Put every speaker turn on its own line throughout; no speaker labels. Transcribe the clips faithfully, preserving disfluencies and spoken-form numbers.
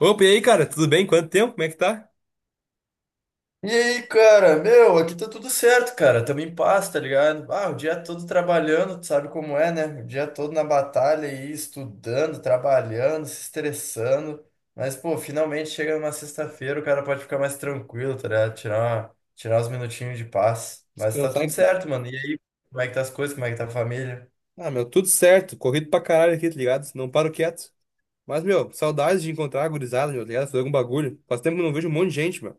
Opa, e aí, cara? Tudo bem? Quanto tempo? Como é que tá?
E aí, cara, meu, aqui tá tudo certo, cara. Tamo em paz, tá ligado? Ah, o dia todo trabalhando, tu sabe como é, né? O dia todo na batalha aí, estudando, trabalhando, se estressando. Mas, pô, finalmente chega numa sexta-feira, o cara pode ficar mais tranquilo, tá ligado? Tirar, uma- tirar uns minutinhos de paz. Mas tá
Descansar.
tudo
em-
certo, mano. E aí, como é que tá as coisas? Como é que tá a família?
Ah, meu, tudo certo. Corrido pra caralho aqui, tá ligado? Não paro quieto. Mas, meu, saudades de encontrar a gurizada, meu, tá ligado? Fazer algum bagulho. Faz tempo que eu não vejo um monte de gente, meu.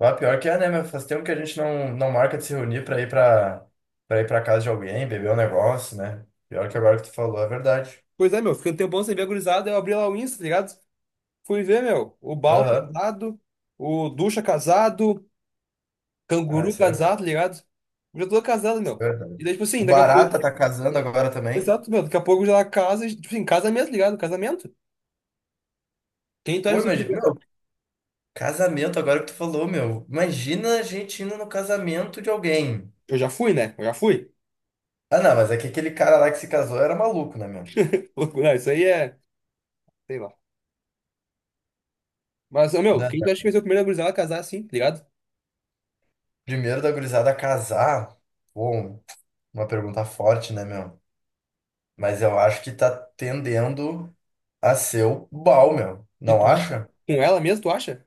Ah, pior que é, né? Mas faz tempo que a gente não, não marca de se reunir pra ir pra, pra ir pra casa de alguém, beber um negócio, né? Pior que agora que tu falou, é verdade.
Pois é, meu, fiquei um tempão sem ver a gurizada, eu abri lá o Insta, tá ligado? Fui ver, meu. O Bal
Aham.
casado, o Ducha casado,
Ah,
Canguru
isso é verdade.
casado, tá ligado? Já tô casado,
Isso é
meu.
verdade.
E daí, tipo
O
assim, daqui a
Barata
pouco.
tá casando agora também.
Exato, meu. Daqui a pouco já casa, tipo assim, casamento, tá ligado? Casamento. Quem tu acha
Pô,
que vai ser o
imagina. Meu,
primeiro?
casamento, agora que tu falou, meu. Imagina a gente indo no casamento de alguém.
Eu já fui, né? Eu já fui.
Ah, não, mas é que aquele cara lá que se casou era maluco, né, meu?
Não, isso aí é. Sei lá. Mas, ô, meu,
Né?
quem tu acha que vai ser o primeiro gurizada a casar assim, tá ligado?
Primeiro da gurizada casar. Bom, uma pergunta forte, né, meu? Mas eu acho que tá tendendo a ser o Bal, meu.
E
Não
tu acha?
acha?
Com ela mesmo, tu acha?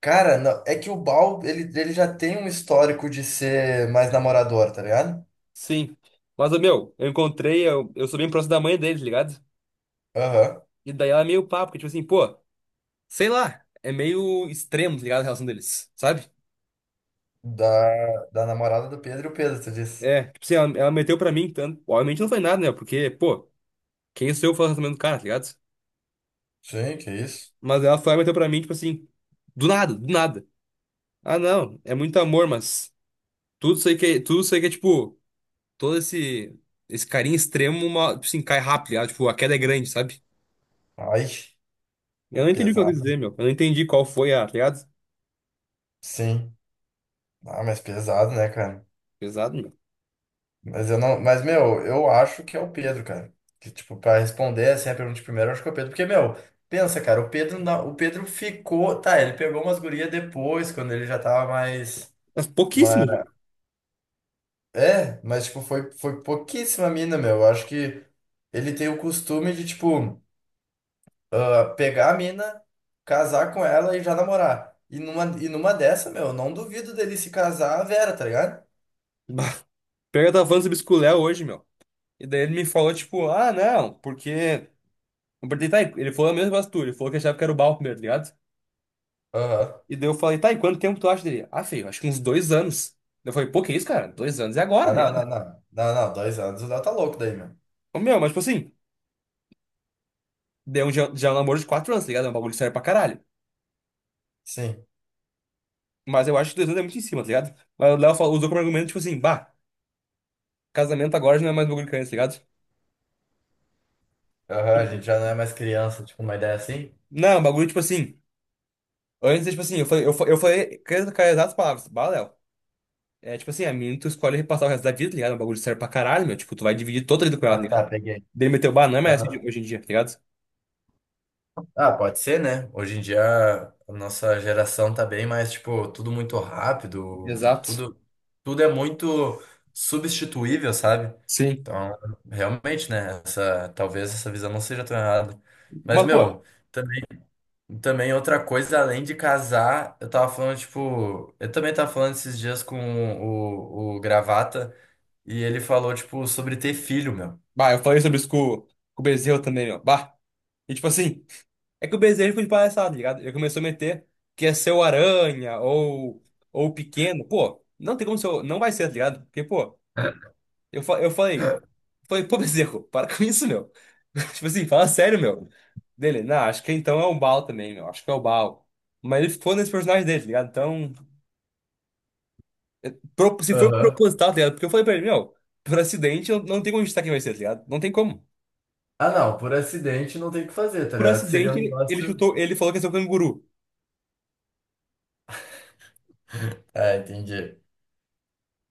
Cara, não- é que o Bal, ele, ele já tem um histórico de ser mais namorador, tá ligado?
Sim. Mas, ô, meu, eu encontrei, eu, eu sou bem próximo da mãe deles, ligado?
Aham.
E daí ela é meio papo, porque, tipo assim, pô. Sei lá, é meio extremo, tá ligado? A relação deles, sabe?
Da, da namorada do Pedro e o Pedro, tu disse.
É, tipo assim, ela, ela meteu pra mim, tanto. Obviamente não foi nada, né? Porque, pô, quem sou eu falando também do cara, tá ligado?
Sim, que isso?
Mas ela foi e meteu pra mim, tipo assim, do nada, do nada. Ah, não, é muito amor, mas tudo isso aí que é, tudo isso aí que é, tipo, todo esse, esse carinho extremo, uma, tipo assim, cai rápido, tá ligado? Tipo, a queda é grande, sabe?
Ai,
Eu
ai,
não entendi o que ela quis
pesado.
dizer, meu. Eu não entendi qual foi a, tá ligado?
Sim. Ah, mas pesado, né, cara?
Pesado, meu.
Mas eu não. Mas, meu, eu acho que é o Pedro, cara. Que, tipo, pra responder assim a pergunta de primeiro, eu acho que é o Pedro. Porque, meu, pensa, cara, o Pedro, na- o Pedro ficou. Tá, ele pegou umas gurias depois, quando ele já tava mais.
Mas
mais...
pouquíssimo, meu.
É, mas, tipo, foi, foi pouquíssima mina, meu. Eu acho que ele tem o costume de, tipo. Ah, pegar a mina, casar com ela e já namorar. E numa, e numa dessa, meu, eu não duvido dele se casar a Vera, tá ligado?
Bah, Pega, eu tava falando sobre esculé hoje, meu. E daí ele me falou, tipo, ah, não, porque. Eu perguntei, tá, e- ele falou a mesma coisa que tu, ele falou que achava que era o Bal primeiro, tá ligado?
Aham.
E daí eu falei, tá, e quanto tempo tu acha dele? Ah, feio, acho que uns dois anos. Daí eu falei, pô, que isso, cara? Dois anos é agora,
Ah,
tá
não,
ligado?
não, não. Não, não, dois anos o Léo tá louco daí, meu.
Ô, meu, mas tipo assim, deu um, já, já é um namoro de quatro anos, tá ligado? É um bagulho sério pra caralho.
Sim.
Mas eu acho que dois anos é muito em cima, tá ligado? Mas o Léo falou- usou como argumento, tipo assim, bah, casamento agora já não é mais bagulho que antes, tá ligado?
Aham, a gente já não é mais criança, tipo, uma ideia assim.
Não, é um bagulho, tipo assim, antes, é, tipo assim, eu falei, eu, fa- eu falei, com as com as exatas palavras, bah, Léo, é tipo assim, a menina tu escolhe repassar o resto da vida, tá ligado? É um bagulho sério pra caralho, meu, tipo, tu vai dividir toda a vida com ela,
Ah,
tá ligado?
tá, peguei.
Dele meteu, bah, não é mais assim de-
Aham.
hoje em dia, tá ligado?
Ah, pode ser, né? Hoje em dia a nossa geração tá bem mais, tipo, tudo muito rápido,
Exato.
tudo, tudo é muito substituível, sabe?
Sim.
Então, realmente, né? Essa, talvez essa visão não seja tão errada. Mas,
Mas, pô,
meu, também, também outra coisa, além de casar, eu tava falando, tipo, eu também tava falando esses dias com o, o Gravata e ele falou, tipo, sobre ter filho, meu.
bah, eu falei sobre isso com, com o Bezerro também, ó. Bah. E tipo assim, é que o Bezerro foi de palhaçada, tá ligado? Ele começou a meter que é seu Aranha ou, ou Pequeno. Pô, não tem como ser. o- Não vai ser, tá ligado? Porque, pô, eu, fa- eu falei, falei, pô, Bezerro, para com isso, meu. Tipo assim, fala sério, meu. Dele, não, acho que então é o Baal também, meu. Acho que é o Baal. Mas ele ficou nesse personagem dele, tá ligado? Então, pro- se for
Aham.
proposital, tá ligado? Porque eu falei pra ele, meu, por acidente, não, não tem como a gente tá quem vai ser, tá ligado? Não tem como.
Ah, não, por acidente não tem o que fazer, tá
Por
ligado? Seria um
acidente, ele
negócio.
chutou, ele falou que ia ser um canguru.
Ah, entendi.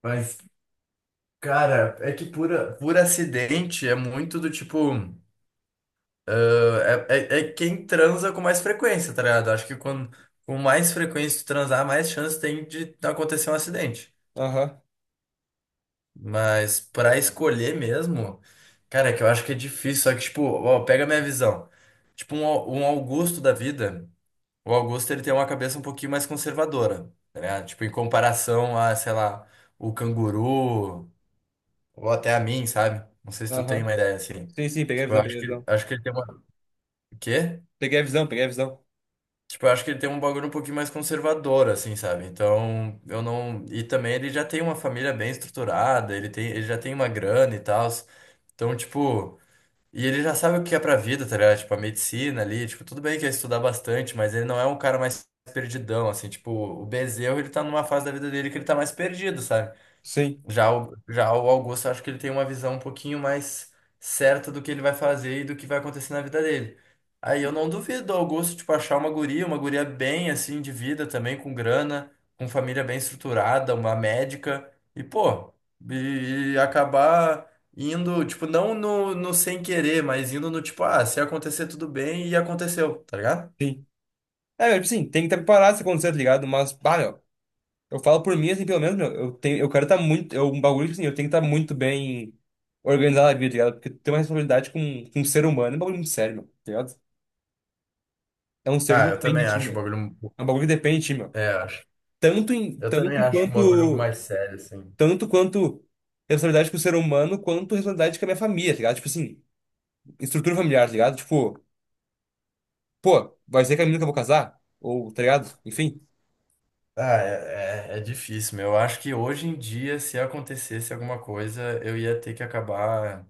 Mas, cara, é que por, a- por acidente é muito do tipo. Ah, é, é, é quem transa com mais frequência, tá ligado? Acho que quando, com mais frequência tu transar, mais chance tem de acontecer um acidente.
Aham,
Mas pra escolher mesmo, cara, é que eu acho que é difícil. Só que, tipo, ó, pega a minha visão. Tipo, um, Au- um Augusto da vida, o Augusto ele tem uma cabeça um pouquinho mais conservadora, tá ligado? Tipo, em comparação a, sei lá, o canguru. Ou até a mim, sabe? Não sei se tu
aham.
tem uma ideia assim.
Sim, sim, peguei a
Tipo, eu
visão,
acho
peguei a
que,
visão.
acho que ele tem uma. O quê?
Peguei a visão, peguei a visão.
Tipo, eu acho que ele tem um bagulho um pouquinho mais conservador, assim, sabe? Então, eu não. E também ele já tem uma família bem estruturada, ele tem, ele já tem uma grana e tal. Então, tipo. E ele já sabe o que é pra vida, tá ligado? Tipo, a medicina ali, tipo, tudo bem que é estudar bastante, mas ele não é um cara mais perdidão, assim, tipo, o Bezerro, ele tá numa fase da vida dele que ele tá mais perdido, sabe?
Sim,
Já o, já o Augusto, acho que ele tem uma visão um pouquinho mais certa do que ele vai fazer e do que vai acontecer na vida dele. Aí eu não duvido do Augusto, tipo, achar uma guria, uma guria bem, assim, de vida também, com grana, com família bem estruturada, uma médica, e, pô, e, e acabar indo, tipo, não no, no sem querer, mas indo no tipo, ah, se acontecer tudo bem, e aconteceu, tá ligado?
sim. É, velho, sim, tem que estar preparado se acontecer, tá ligado? Mas, bah, meu, eu falo por mim, assim, pelo menos, meu, eu tenho, eu quero estar muito, eu, um bagulho, tipo assim, eu tenho que estar muito bem organizado na vida, tá ligado? Porque tu tem uma responsabilidade com, com um ser humano, é um bagulho muito sério, meu, tá ligado? É um ser
Ah,
que
eu
depende
também
de ti,
acho o
meu.
bagulho.
É um bagulho que depende de ti, meu.
É, acho.
Tanto em,
Eu
tanto
também acho o bagulho
quanto,
mais sério, assim.
tanto quanto responsabilidade com o ser humano, quanto responsabilidade com a minha família, tá ligado? Tipo assim, estrutura familiar, tá ligado? Tipo, pô, vai ser que a menina que eu vou casar? Ou, tá ligado? Enfim.
Ah, é, é, é difícil, meu. Eu acho que hoje em dia, se acontecesse alguma coisa, eu ia ter que acabar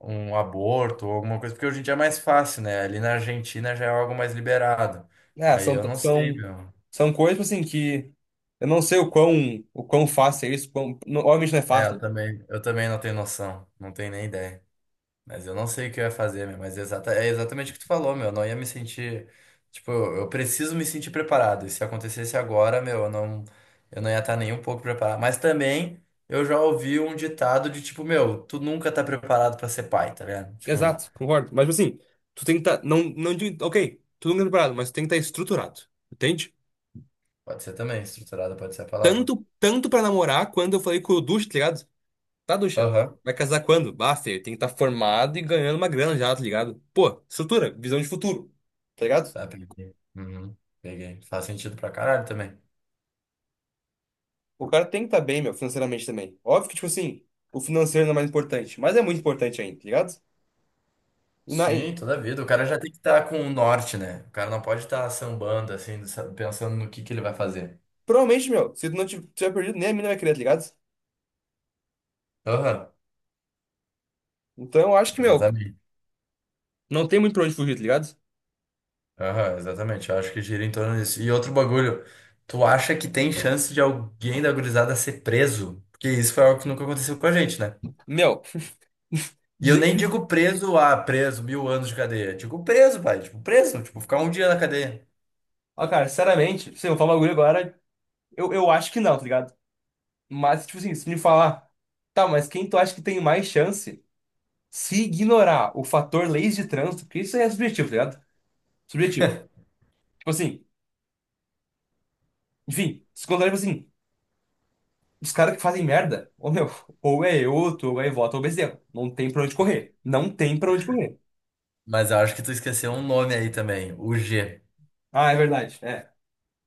um aborto ou alguma coisa, porque hoje em dia é mais fácil, né? Ali na Argentina já é algo mais liberado.
É,
Aí
são,
eu não sei,
são,
meu.
são coisas, tipo assim, que eu não sei o quão, o quão fácil é isso. Quão, não- obviamente não é
É, eu
fácil.
também, eu também não tenho noção, não tenho nem ideia. Mas eu não sei o que eu ia fazer, meu, mas é, exata, é exatamente o que tu falou, meu. Eu não ia me sentir. Tipo, eu eu preciso me sentir preparado. E se acontecesse agora, meu, eu não, eu não ia estar nem um pouco preparado. Mas também eu já ouvi um ditado de tipo, meu, tu nunca tá preparado pra ser pai, tá ligado? Tipo,
Exato, concordo. Mas, tipo assim, tu tem que estar. não, não digo. Ok, tu não é preparado, mas tu tem que estar estruturado. Entende?
pode ser também, estruturado pode ser a palavra.
Tanto, tanto pra namorar, quando eu falei com o Ducha, tá ligado? Tá, Ducha?
Aham.
Vai casar quando? Basta, ele tem que estar formado e ganhando uma grana já, tá ligado? Pô, estrutura, visão de futuro, tá ligado?
Tá, peguei. Uhum, peguei. Faz sentido pra caralho também.
O cara tem que estar bem, meu, financeiramente também. Óbvio que, tipo assim, o financeiro não é mais importante, mas é muito importante ainda, tá ligado? E, na, e
Sim, toda vida. O cara já tem que estar com o norte, né? O cara não pode estar sambando, assim, sa- pensando no que que ele vai fazer.
provavelmente, meu, se tu não tiv- tiver perdido, nem a mina vai querer, tá ligado?
Aham.
Então eu acho que, meu,
Exatamente.
não tem muito pra onde fugir, tá ligado?
Aham, exatamente. Eu acho que gira em torno disso. E outro bagulho, tu acha que tem chance de alguém da gurizada ser preso? Porque isso foi algo que nunca aconteceu com a gente, né?
Meu,
E eu
dizer
nem
que.
digo preso, ah, preso, mil anos de cadeia. Digo preso, pai. Tipo, preso. Tipo, ficar um dia na cadeia.
Ó, cara, sinceramente, se eu falar um bagulho agora, eu, eu acho que não, tá ligado? Mas, tipo assim, se me falar, tá, mas quem tu acha que tem mais chance se ignorar o fator leis de trânsito, porque isso é subjetivo, tá ligado? Subjetivo. Tipo assim, enfim, se contar, tipo assim. Os caras que fazem merda, ô meu, ou é eu, ou tu, ou é voto, ou Bezerra. Não tem pra onde correr. Não tem pra onde correr.
Mas eu acho que tu esqueceu um nome aí também, o G.
Ah, é verdade. É.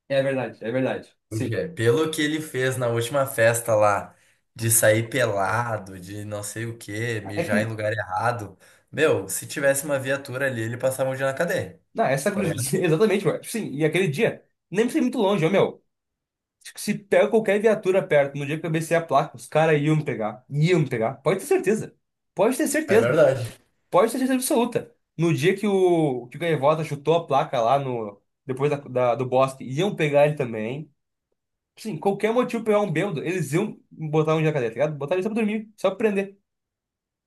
É verdade, é verdade.
O
Sim.
G. Pelo que ele fez na última festa lá, de sair pelado, de não sei o quê,
É que.
mijar em lugar errado. Meu, se tivesse uma viatura ali, ele passava um dia na cadeia.
Não, essa
Tá.
cruz. Exatamente, mano. Sim, e aquele dia, nem precisa ir muito longe, ô meu. Acho que se pega qualquer viatura perto, no dia que eu cabecei a placa, os caras iam me pegar. Iam me pegar. Pode ter certeza. Pode ter
É
certeza.
verdade.
Pode ter certeza absoluta. No dia que o, que o Gaivota chutou a placa lá no. Depois da, da- do bosque, iam pegar ele também. Sim, qualquer motivo pra pegar um bêbado, eles iam botar um jacaré, tá ligado? Botar ele só pra dormir, só pra prender.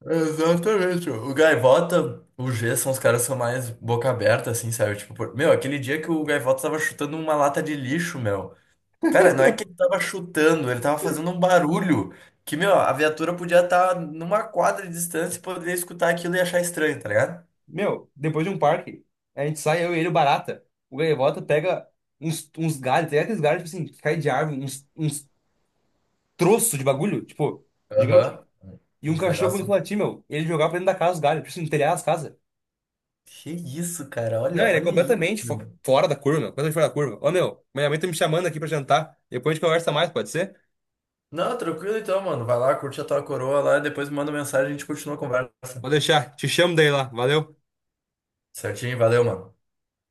Exatamente. O Gaivota, o G são os caras que são mais boca aberta, assim, sabe? Tipo, por- meu, aquele dia que o Gaivota tava chutando uma lata de lixo, meu. Cara, não é que ele tava chutando, ele tava fazendo um barulho que, meu, a viatura podia estar numa quadra de distância e poderia escutar aquilo e achar estranho, tá ligado?
Meu, depois de um parque, a gente sai, eu e ele, o barata. O gaivota pega uns, uns galhos, tem aqueles galhos, tipo assim, que cai de árvore, uns, uns troços de bagulho, tipo, gigante.
Aham.
E um
Uns
cachorro
negócios.
começou a latir, meu, ele jogava pra dentro da casa os galhos, tipo assim, no telhado das casas.
Que isso, cara?
Não,
Olha,
ele é
olha isso,
completamente fo-
meu.
fora da curva, meu, completamente fora da curva. Ô, meu, minha mãe tá me chamando aqui pra jantar. Depois a gente conversa mais, pode ser?
Não, tranquilo então, mano. Vai lá, curte a tua coroa lá e depois me manda mensagem e a gente continua a conversa.
Vou deixar, te chamo daí lá, valeu.
Certinho? Valeu, mano.